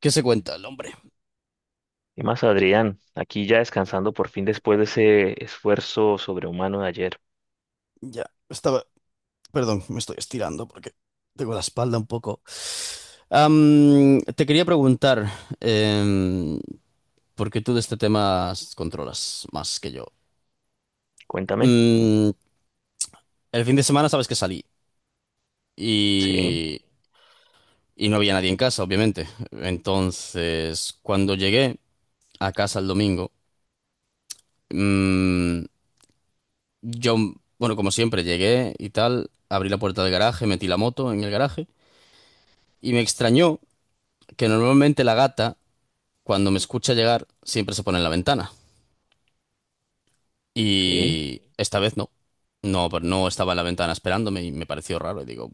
¿Qué se cuenta el hombre? Y más, Adrián, aquí ya descansando por fin después de ese esfuerzo sobrehumano de ayer. Ya, estaba, perdón, me estoy estirando porque tengo la espalda un poco. Te quería preguntar, em, porque tú de este tema controlas más que yo. Cuéntame. Mm, el fin de semana sabes que salí Sí, y, y no había nadie en casa, obviamente. Entonces, cuando llegué a casa el domingo, mm, yo, bueno, como siempre, llegué y tal, abrí la puerta del garaje, metí la moto en el garaje y me extrañó que normalmente la gata, cuando me escucha llegar, siempre se pone en la ventana. sí. Y esta vez no. No, pero no estaba en la ventana esperándome y me pareció raro. Y digo,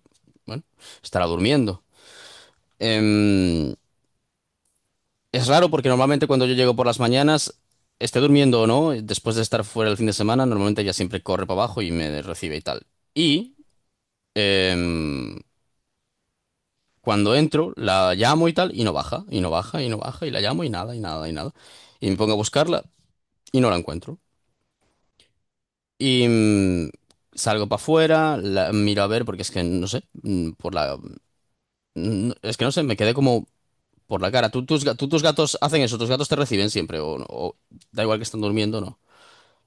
bueno, estará durmiendo. Em, es raro porque normalmente cuando yo llego por las mañanas, esté durmiendo o no, después de estar fuera el fin de semana, normalmente ella siempre corre para abajo y me recibe y tal. Y em, cuando entro, la llamo y tal, y no baja, y no baja, y no baja, y la llamo y nada, y nada, y nada. Y me pongo a buscarla y no la encuentro. Y salgo para afuera, miro a ver, porque es que no sé, por la. No, es que no sé, me quedé como por la cara. ¿Tú, tus, ga- tú, tus gatos hacen eso? ¿Tus gatos te reciben siempre? ¿O no? ¿O da igual que están durmiendo, no?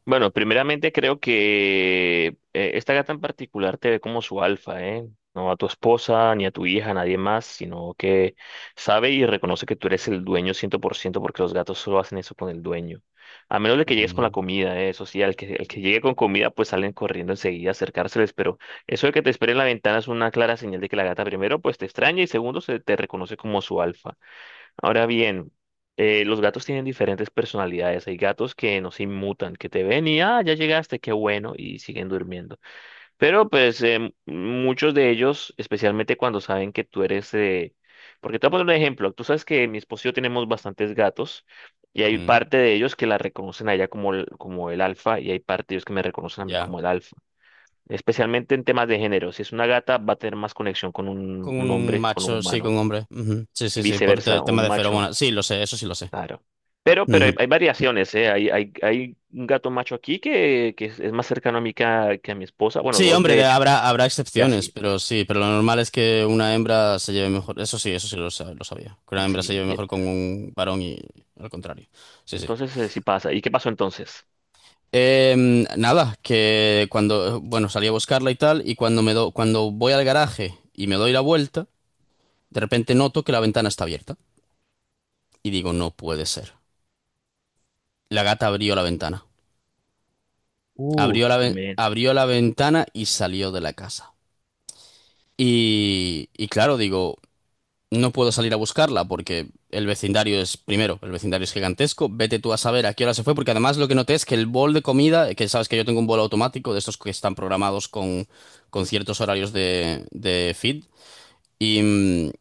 Bueno, primeramente creo que esta gata en particular te ve como su alfa, ¿eh? No a tu esposa, ni a tu hija, a nadie más, sino que sabe y reconoce que tú eres el dueño 100%, porque los gatos solo hacen eso con el dueño. A menos de que llegues con la Mm. comida, ¿eh? Eso sí, al que llegue con comida, pues salen corriendo enseguida a acercárseles, pero eso de que te espere en la ventana es una clara señal de que la gata primero, pues te extraña y segundo, se te reconoce como su alfa. Ahora bien, los gatos tienen diferentes personalidades. Hay gatos que no se inmutan, que te ven y, ah, ya llegaste, qué bueno, y siguen durmiendo. Pero pues muchos de ellos, especialmente cuando saben que tú eres. Porque te voy a poner un ejemplo. Tú sabes que mi esposo y yo tenemos bastantes gatos y hay Mm. parte de ellos que la reconocen a ella como el alfa y hay parte de ellos que me reconocen a mí Ya. como el alfa. Especialmente en temas de género. Si es una gata, va a tener más conexión con un, Con un un hombre, con un macho, sí, con humano un hombre. Ujú. Sí, y sí, sí, viceversa, tema un de macho. feromonas. Sí, lo sé, eso sí lo sé. Claro. Pero hay, Ujú. hay, variaciones, ¿eh? Hay, hay un gato macho aquí que es, más cercano a mí que a mi esposa. Bueno, Sí, dos hombre, de hecho. habrá Y excepciones, así. pero sí, pero lo normal es que una hembra se lleve mejor. Eso sí lo sabía. Que una hembra se Sí. lleve mejor con un varón y al contrario. Sí, sí. Entonces, sí pasa. ¿Y qué pasó entonces? Nada, que cuando, bueno, salí a buscarla y tal, y cuando cuando voy al garaje y me doy la vuelta, de repente noto que la ventana está abierta. Y digo, no puede ser. La gata abrió la ventana. Abrió la, ve- Men. abrió la ventana y salió de la casa. Y claro, digo, no puedo salir a buscarla porque el vecindario es, primero, el vecindario es gigantesco. Vete tú a saber a qué hora se fue, porque además lo que noté es que el bol de comida, que sabes que yo tengo un bol automático de estos que están programados con ciertos horarios de feed, y, mm,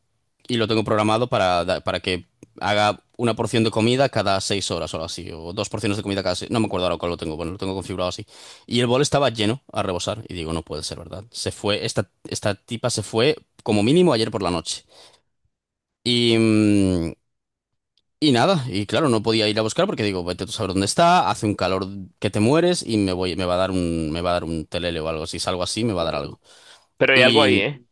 y lo tengo programado para que haga una porción de comida cada 6 horas o algo así, o dos porciones de comida cada seis, no me acuerdo ahora cuál lo tengo, bueno, lo tengo configurado así. Y el bol estaba lleno a rebosar, y digo, no puede ser verdad. Se fue, esta tipa se fue como mínimo ayer por la noche. Y, mm, y nada, y claro, no podía ir a buscar porque digo, vete tú a saber dónde está, hace un calor que te mueres y me voy, me va a dar un, me va a dar un telele o algo. Si salgo así, me va a dar algo. Pero hay algo ahí, Y, ¿eh?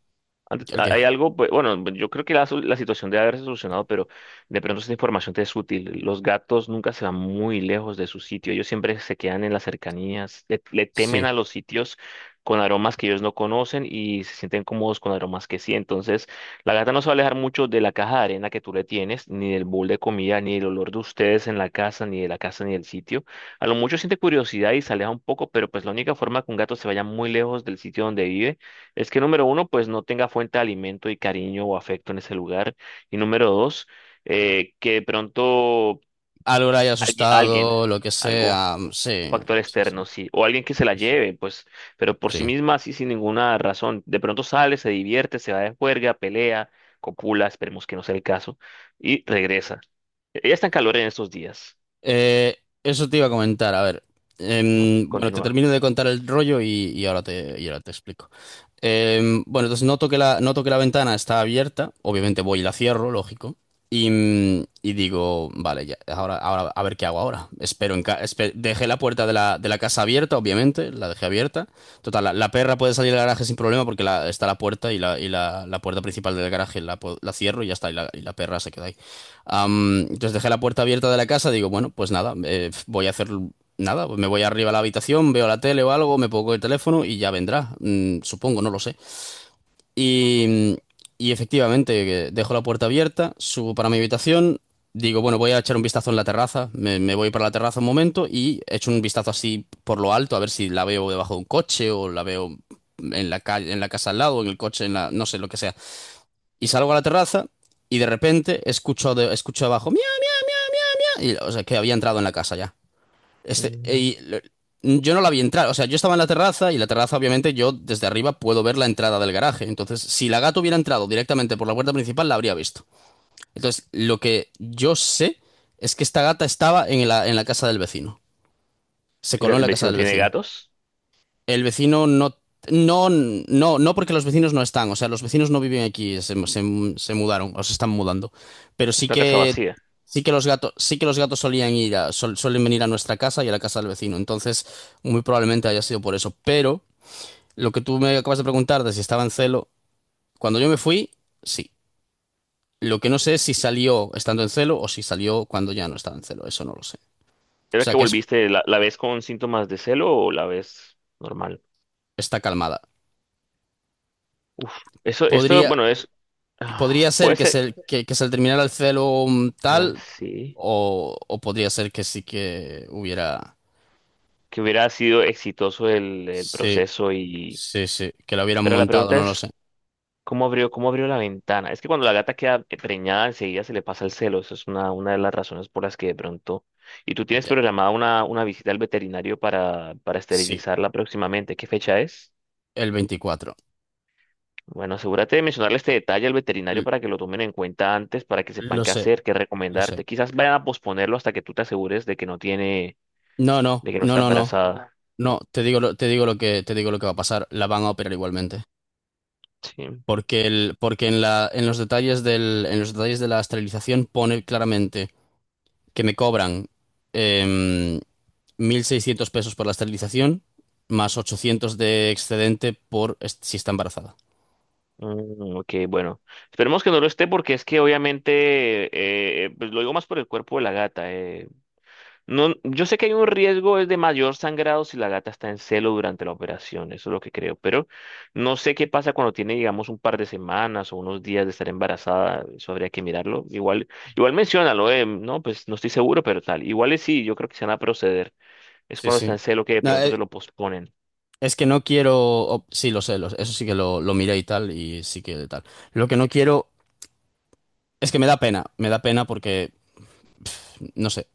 ¿El qué? Hay algo, pues, bueno, yo creo que la situación debe haberse solucionado, pero de pronto esta información te es útil. Los gatos nunca se van muy lejos de su sitio, ellos siempre se quedan en las cercanías, le temen Sí. a los sitios con aromas que ellos no conocen y se sienten cómodos con aromas que sí. Entonces, la gata no se va a alejar mucho de la caja de arena que tú le tienes, ni del bowl de comida, ni del olor de ustedes en la casa, ni de la casa, ni del sitio. A lo mucho siente curiosidad y se aleja un poco, pero pues la única forma que un gato se vaya muy lejos del sitio donde vive es que número uno, pues no tenga fuente de alimento y cariño o afecto en ese lugar. Y número dos, que de pronto Algo le haya alguien, asustado, lo que algo, sea. un Sí, factor sí, sí, externo, sí, o alguien que se la sí, sí. lleve, pues, pero por sí Sí. misma, así sin ninguna razón. De pronto sale, se divierte, se va de juerga, pelea, copula, esperemos que no sea el caso, y regresa. Ella está en calor en estos días. Eh, Eso te iba a comentar, a ver. No, Bueno, te continúa. termino de contar el rollo y, y ahora te explico. Bueno, entonces noto que la, ventana está abierta, obviamente voy y la cierro, lógico, y digo, vale, ya, ahora, ahora a ver qué hago ahora. Espero en ca- espe- Dejé la puerta de la casa abierta, obviamente, la dejé abierta. Total, la perra puede salir del garaje sin problema porque está la puerta y la puerta principal del garaje la cierro y ya está, y la perra se queda ahí. Entonces dejé la puerta abierta de la casa, digo, bueno, pues nada, voy a hacer nada, pues me voy arriba a la habitación, veo la tele o algo, me pongo el teléfono y ya vendrá, supongo, no lo sé. Y, y efectivamente, dejo la puerta abierta, subo para mi habitación, digo, bueno, voy a echar un vistazo en la terraza, me voy para la terraza un momento y echo un vistazo así por lo alto, a ver si la veo debajo de un coche o la veo en la calle, en la casa al lado, en el coche, en la, no sé, lo que sea. Y salgo a la terraza y de repente escucho, escucho abajo, ¡miau! Y, o sea, que había entrado en la casa ya. Este, Mm. y lo- yo no la vi entrar, o sea, yo estaba en la terraza y la terraza obviamente yo desde arriba puedo ver la entrada del garaje. Entonces, si la gata hubiera entrado directamente por la puerta principal, la habría visto. Entonces, lo que yo sé es que esta gata estaba en la casa del vecino. Se ¿El coló en la casa vecino del tiene vecino. gatos? El vecino no, no, no, no porque los vecinos no están, o sea, los vecinos no viven aquí, se mudaron o se están mudando, pero Es una casa vacía. sí que los gatos, sí que los gatos solían suelen venir a nuestra casa y a la casa del vecino, entonces muy probablemente haya sido por eso, pero lo que tú me acabas de preguntar de si estaba en celo, cuando yo me fui, sí. Lo que no sé es si salió estando en celo o si salió cuando ya no estaba en celo, eso no lo sé. O ¿Era sea que que es, volviste? ¿La ves con síntomas de celo o la ves normal? está calmada. Uf, eso, esto, Podría, bueno, es. Ah, podría ser puede que ser. se, que, que se le terminara el celo Ah, tal, sí. O podría ser que sí que hubiera. Que hubiera sido exitoso el Sí, proceso y. sí, sí, que lo hubieran Pero la montado, pregunta no lo es, sé. Cómo abrió la ventana? Es que cuando la gata queda preñada, enseguida se le pasa el celo. Eso es una de las razones por las que de pronto. ¿Y tú tienes Ya, programada una visita al veterinario para sí, esterilizarla próximamente? ¿Qué fecha es? el 24. Bueno, asegúrate de mencionarle este detalle al L- veterinario para que lo tomen en cuenta antes, para que sepan lo qué sé, hacer, qué lo sé. recomendarte. Quizás vayan a posponerlo hasta que tú te asegures de que no tiene, No, no, de que no no, está no, no. embarazada. No, te digo lo que, te digo lo que va a pasar. La van a operar igualmente. Sí. Porque el, porque en la, en los detalles del, en los detalles de la esterilización pone claramente que me cobran em, 1,600 pesos por la esterilización, más 800 de excedente por si está embarazada. Mm, ok, bueno. Esperemos que no lo esté porque es que obviamente, pues lo digo más por el cuerpo de la gata. No, yo sé que hay un riesgo es de mayor sangrado si la gata está en celo durante la operación, eso es lo que creo, pero no sé qué pasa cuando tiene, digamos, un par de semanas o unos días de estar embarazada, eso habría que mirarlo. Igual menciónalo, no, pues no estoy seguro, pero tal. Igual es sí, yo creo que se van a proceder. Es Sí, cuando está sí. en celo que de No, pronto te lo posponen. es que no quiero. Sí, lo sé, eso sí que lo miré y tal, y sí que tal. Lo que no quiero es que me da pena porque no sé.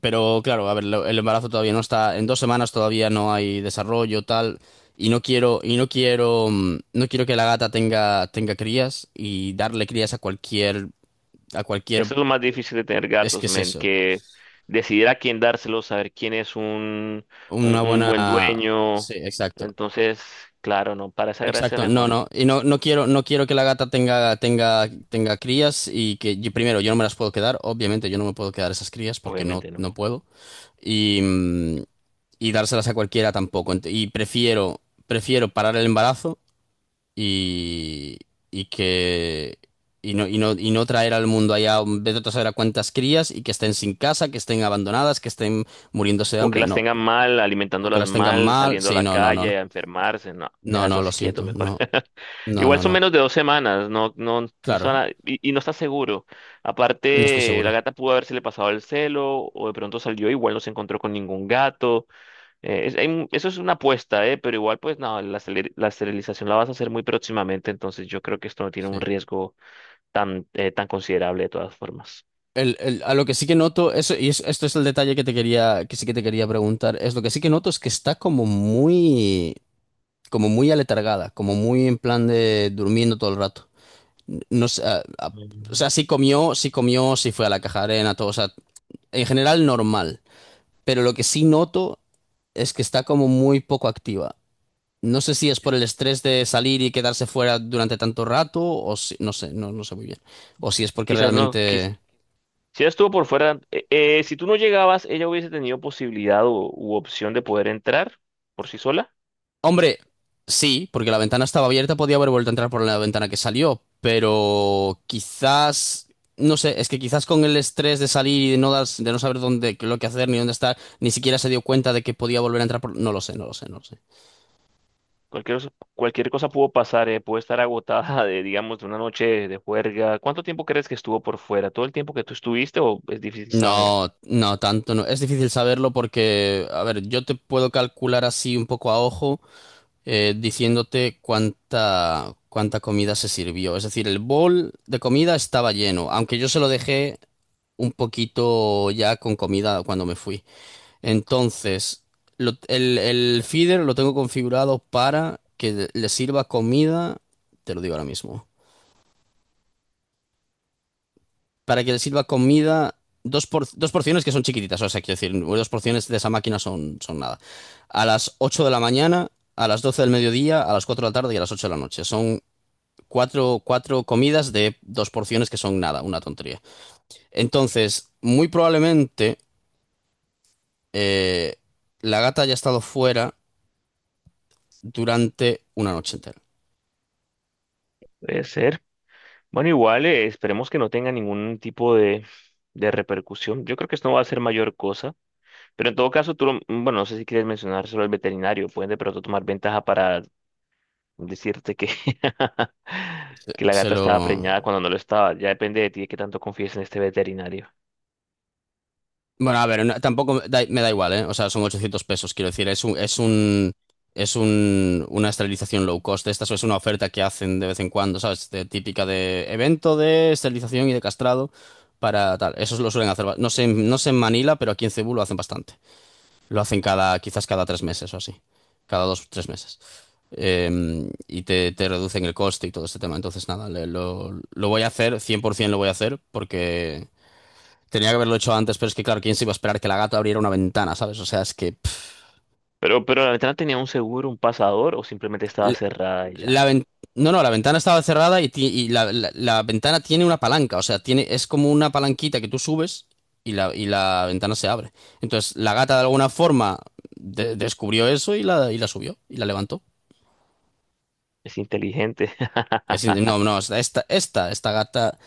Pero claro, a ver, el embarazo todavía no está, en 2 semanas todavía no hay desarrollo, tal, y no quiero, no quiero que la gata tenga, crías y darle crías a cualquier, Eso es lo más difícil de tener es que gatos, es men, eso, que decidir a quién dárselo, saber quién es un, una un buen buena, dueño. sí, exacto. Entonces, claro, no, para esa gracia Exacto, no, mejor, no, y no, no quiero, no quiero que la gata tenga crías y que primero yo no me las puedo quedar, obviamente yo no me puedo quedar esas crías porque no, obviamente no no. puedo y, mm, y dárselas a cualquiera tampoco. Y prefiero parar el embarazo y, y que y no traer al mundo allá vete tú a saber a cuántas crías y que estén sin casa, que estén abandonadas, que estén muriéndose de O que hambre, las no, tengan mal, o que alimentándolas las tengan mal, mal, saliendo a sí, la no, no, no, no, calle a enfermarse. No, deja no, eso no, lo así quieto siento, mejor. no, no, Igual no, son no. menos de 2 semanas, no, no, no son Claro. Y no está seguro. No estoy Aparte, la seguro. gata pudo haberse le pasado el celo, o de pronto salió, igual no se encontró con ningún gato. Eso es una apuesta, pero igual, pues no, la esterilización la vas a hacer muy próximamente, entonces yo creo que esto no tiene un Sí. riesgo tan, tan considerable de todas formas. A lo que sí que noto, eso, y esto es el detalle que te quería, que sí que te quería, preguntar, es lo que sí que noto es que está como muy aletargada, como muy en plan de durmiendo todo el rato. No sé, o Mm. sea, sí comió, sí comió, sí fue a la caja de arena, todo, o sea, en general normal. Pero lo que sí noto es que está como muy poco activa. No sé si es por el estrés de salir y quedarse fuera durante tanto rato, o si, no sé, no, no sé muy bien. O si es porque Quizás no. Realmente. Si ella estuvo por fuera, si tú no llegabas, ella hubiese tenido posibilidad o, u opción de poder entrar por sí sola. Hombre, sí, porque la ventana estaba abierta, podía haber vuelto a entrar por la ventana que salió, pero quizás, no sé, es que quizás con el estrés de salir y de no, de no saber dónde, lo que hacer ni dónde estar, ni siquiera se dio cuenta de que podía volver a entrar por... No lo sé, no lo sé, no lo sé. Cualquier cosa pudo pasar, puede estar agotada de, digamos, de una noche de juerga. ¿Cuánto tiempo crees que estuvo por fuera? ¿Todo el tiempo que tú estuviste o es difícil saber? No, no, tanto no. Es difícil saberlo porque, a ver, yo te puedo calcular así un poco a ojo. Diciéndote cuánta comida se sirvió. Es decir, el bol de comida estaba lleno, aunque yo se lo dejé un poquito ya con comida cuando me fui. Entonces, el feeder lo tengo configurado para que le sirva comida, te lo digo ahora mismo, para que le sirva comida. Dos porciones que son chiquititas, o sea, quiero decir, dos porciones de esa máquina son nada. A las 8 de la mañana, a las 12 del mediodía, a las 4 de la tarde y a las 8 de la noche. Son cuatro comidas de dos porciones que son nada, una tontería. Entonces, muy probablemente eh, la gata haya estado fuera durante una noche entera. Puede ser. Bueno, igual, esperemos que no tenga ningún tipo de repercusión. Yo creo que esto no va a ser mayor cosa. Pero en todo caso, tú, bueno, no sé si quieres mencionar solo al veterinario. Pueden de pronto tomar ventaja para decirte que, que la Se gata estaba lo... preñada cuando no lo estaba. Ya depende de ti de qué tanto confíes en este veterinario. Bueno, a ver, tampoco me da igual, ¿eh? O sea, son 800 pesos, quiero decir, una esterilización low cost. Esta es una oferta que hacen de vez en cuando, ¿sabes? Típica de evento de esterilización y de castrado para tal. Eso lo suelen hacer. No sé, no sé en Manila, pero aquí en Cebú lo hacen bastante. Lo hacen quizás cada 3 meses o así. Cada 2, 3 meses. Y te reducen el coste y todo este tema. Entonces, nada, lo voy a hacer, 100% lo voy a hacer, porque tenía que haberlo hecho antes, pero es que, claro, ¿quién se iba a esperar que la gata abriera una ventana?, ¿sabes? O sea, es que... pff, Pero la ventana tenía un seguro, un pasador o simplemente estaba le- cerrada y la ya. ven- no, no, la ventana estaba cerrada y, y la ventana tiene una palanca, o sea, tiene, es como una palanquita que tú subes y la ventana se abre. Entonces, la gata de alguna forma descubrió eso y la subió y la levantó. Es inteligente. No, no, esta gata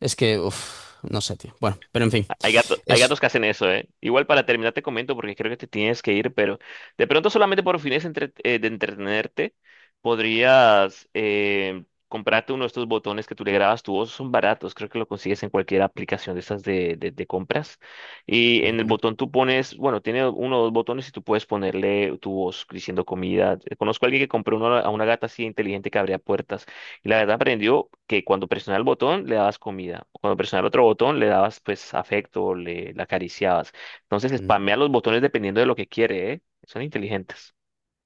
es que, uff, no sé, tío. Bueno, pero en fin, Hay eso. gatos que hacen eso, ¿eh? Igual para terminar te comento porque creo que te tienes que ir, pero de pronto solamente por fines de entretenerte podrías comprarte uno de estos botones que tú le grabas tu voz. Son baratos, creo que lo consigues en cualquier aplicación de estas de, de compras. Y en el Ujú, botón tú pones, bueno, tiene uno o dos botones y tú puedes ponerle tu voz diciendo comida. Conozco a alguien que compró uno a una gata así inteligente que abría puertas. Y la verdad aprendió que cuando presionaba el botón le dabas comida, o cuando presionaba el otro botón le dabas pues afecto, le acariciabas. Entonces ujú. spamea los botones dependiendo de lo que quiere, ¿eh? Son inteligentes.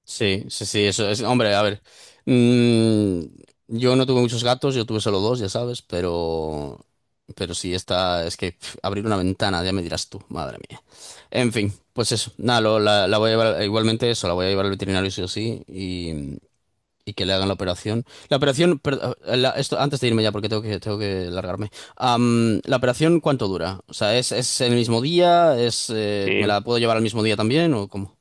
Sí, sí, sí, eso es. Hombre, a ver. mm, yo no tuve muchos gatos, yo tuve solo dos, ya sabes, pero. Pero sí, esta es que pf, abrir una ventana, ya me dirás tú, madre mía. En fin, pues eso. Nada, la voy a llevar, igualmente eso, la voy a llevar al veterinario sí o sí y que le hagan la operación. La operación, esto, antes de irme ya porque tengo que largarme. ¿La operación cuánto dura? O sea, ¿es el mismo día? Me Sí. la puedo llevar al mismo día también o cómo?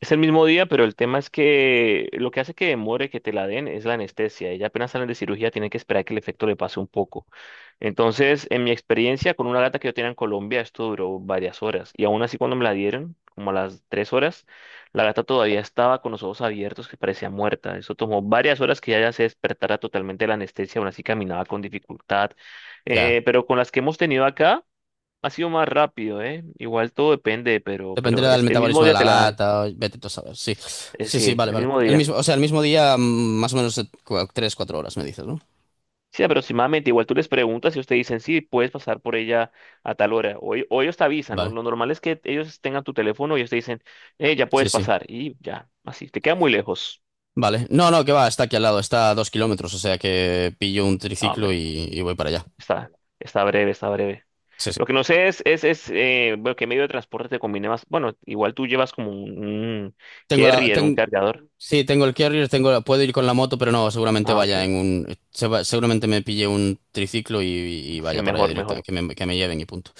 Es el mismo día, pero el tema es que lo que hace que demore que te la den es la anestesia. Ella apenas salen de cirugía, tienen que esperar que el efecto le pase un poco. Entonces, en mi experiencia, con una gata que yo tenía en Colombia, esto duró varias horas. Y aún así, cuando me la dieron, como a las 3 horas, la gata todavía estaba con los ojos abiertos, que parecía muerta. Eso tomó varias horas que ella se despertara totalmente de la anestesia, aún así caminaba con dificultad. Ya. Pero con las que hemos tenido acá, ha sido más rápido, ¿eh? Igual todo depende, pero Dependerá del es el mismo metabolismo de día la te la dan. gata, vete tú a saber. Sí, sí, sí, Sí, vale, el vale. mismo El día. mismo, o sea, el mismo día, más o menos 3, 4 horas, me dices, ¿no? Sí, aproximadamente. Igual tú les preguntas y ustedes dicen, sí, puedes pasar por ella a tal hora. O ellos te avisan. Lo, Vale, lo normal es que ellos tengan tu teléfono y ellos te dicen, ya sí, puedes sí. pasar. Y ya, así. Te queda muy lejos. Vale. No, no, que va, está aquí al lado, está a 2 kilómetros, o sea que pillo un Ah, triciclo hombre, y voy para allá. está, está breve, está breve. Sí, sí. Lo que no sé es, bueno, qué medio de transporte te conviene más. Bueno, igual tú llevas como un Tengo la, carrier, un ten- cargador. Sí, tengo el carrier, tengo, puedo ir con la moto, pero no, seguramente Ah, vaya ok. en un, se va- seguramente me pille un triciclo y Sí, vaya para allá mejor, directamente, mejor. que me lleven y punto.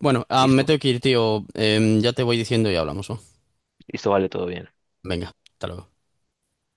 Bueno, ah, me Listo. tengo que ir, tío. Ya te voy diciendo y hablamos, ¿no? Listo, vale, todo bien. Venga, hasta luego.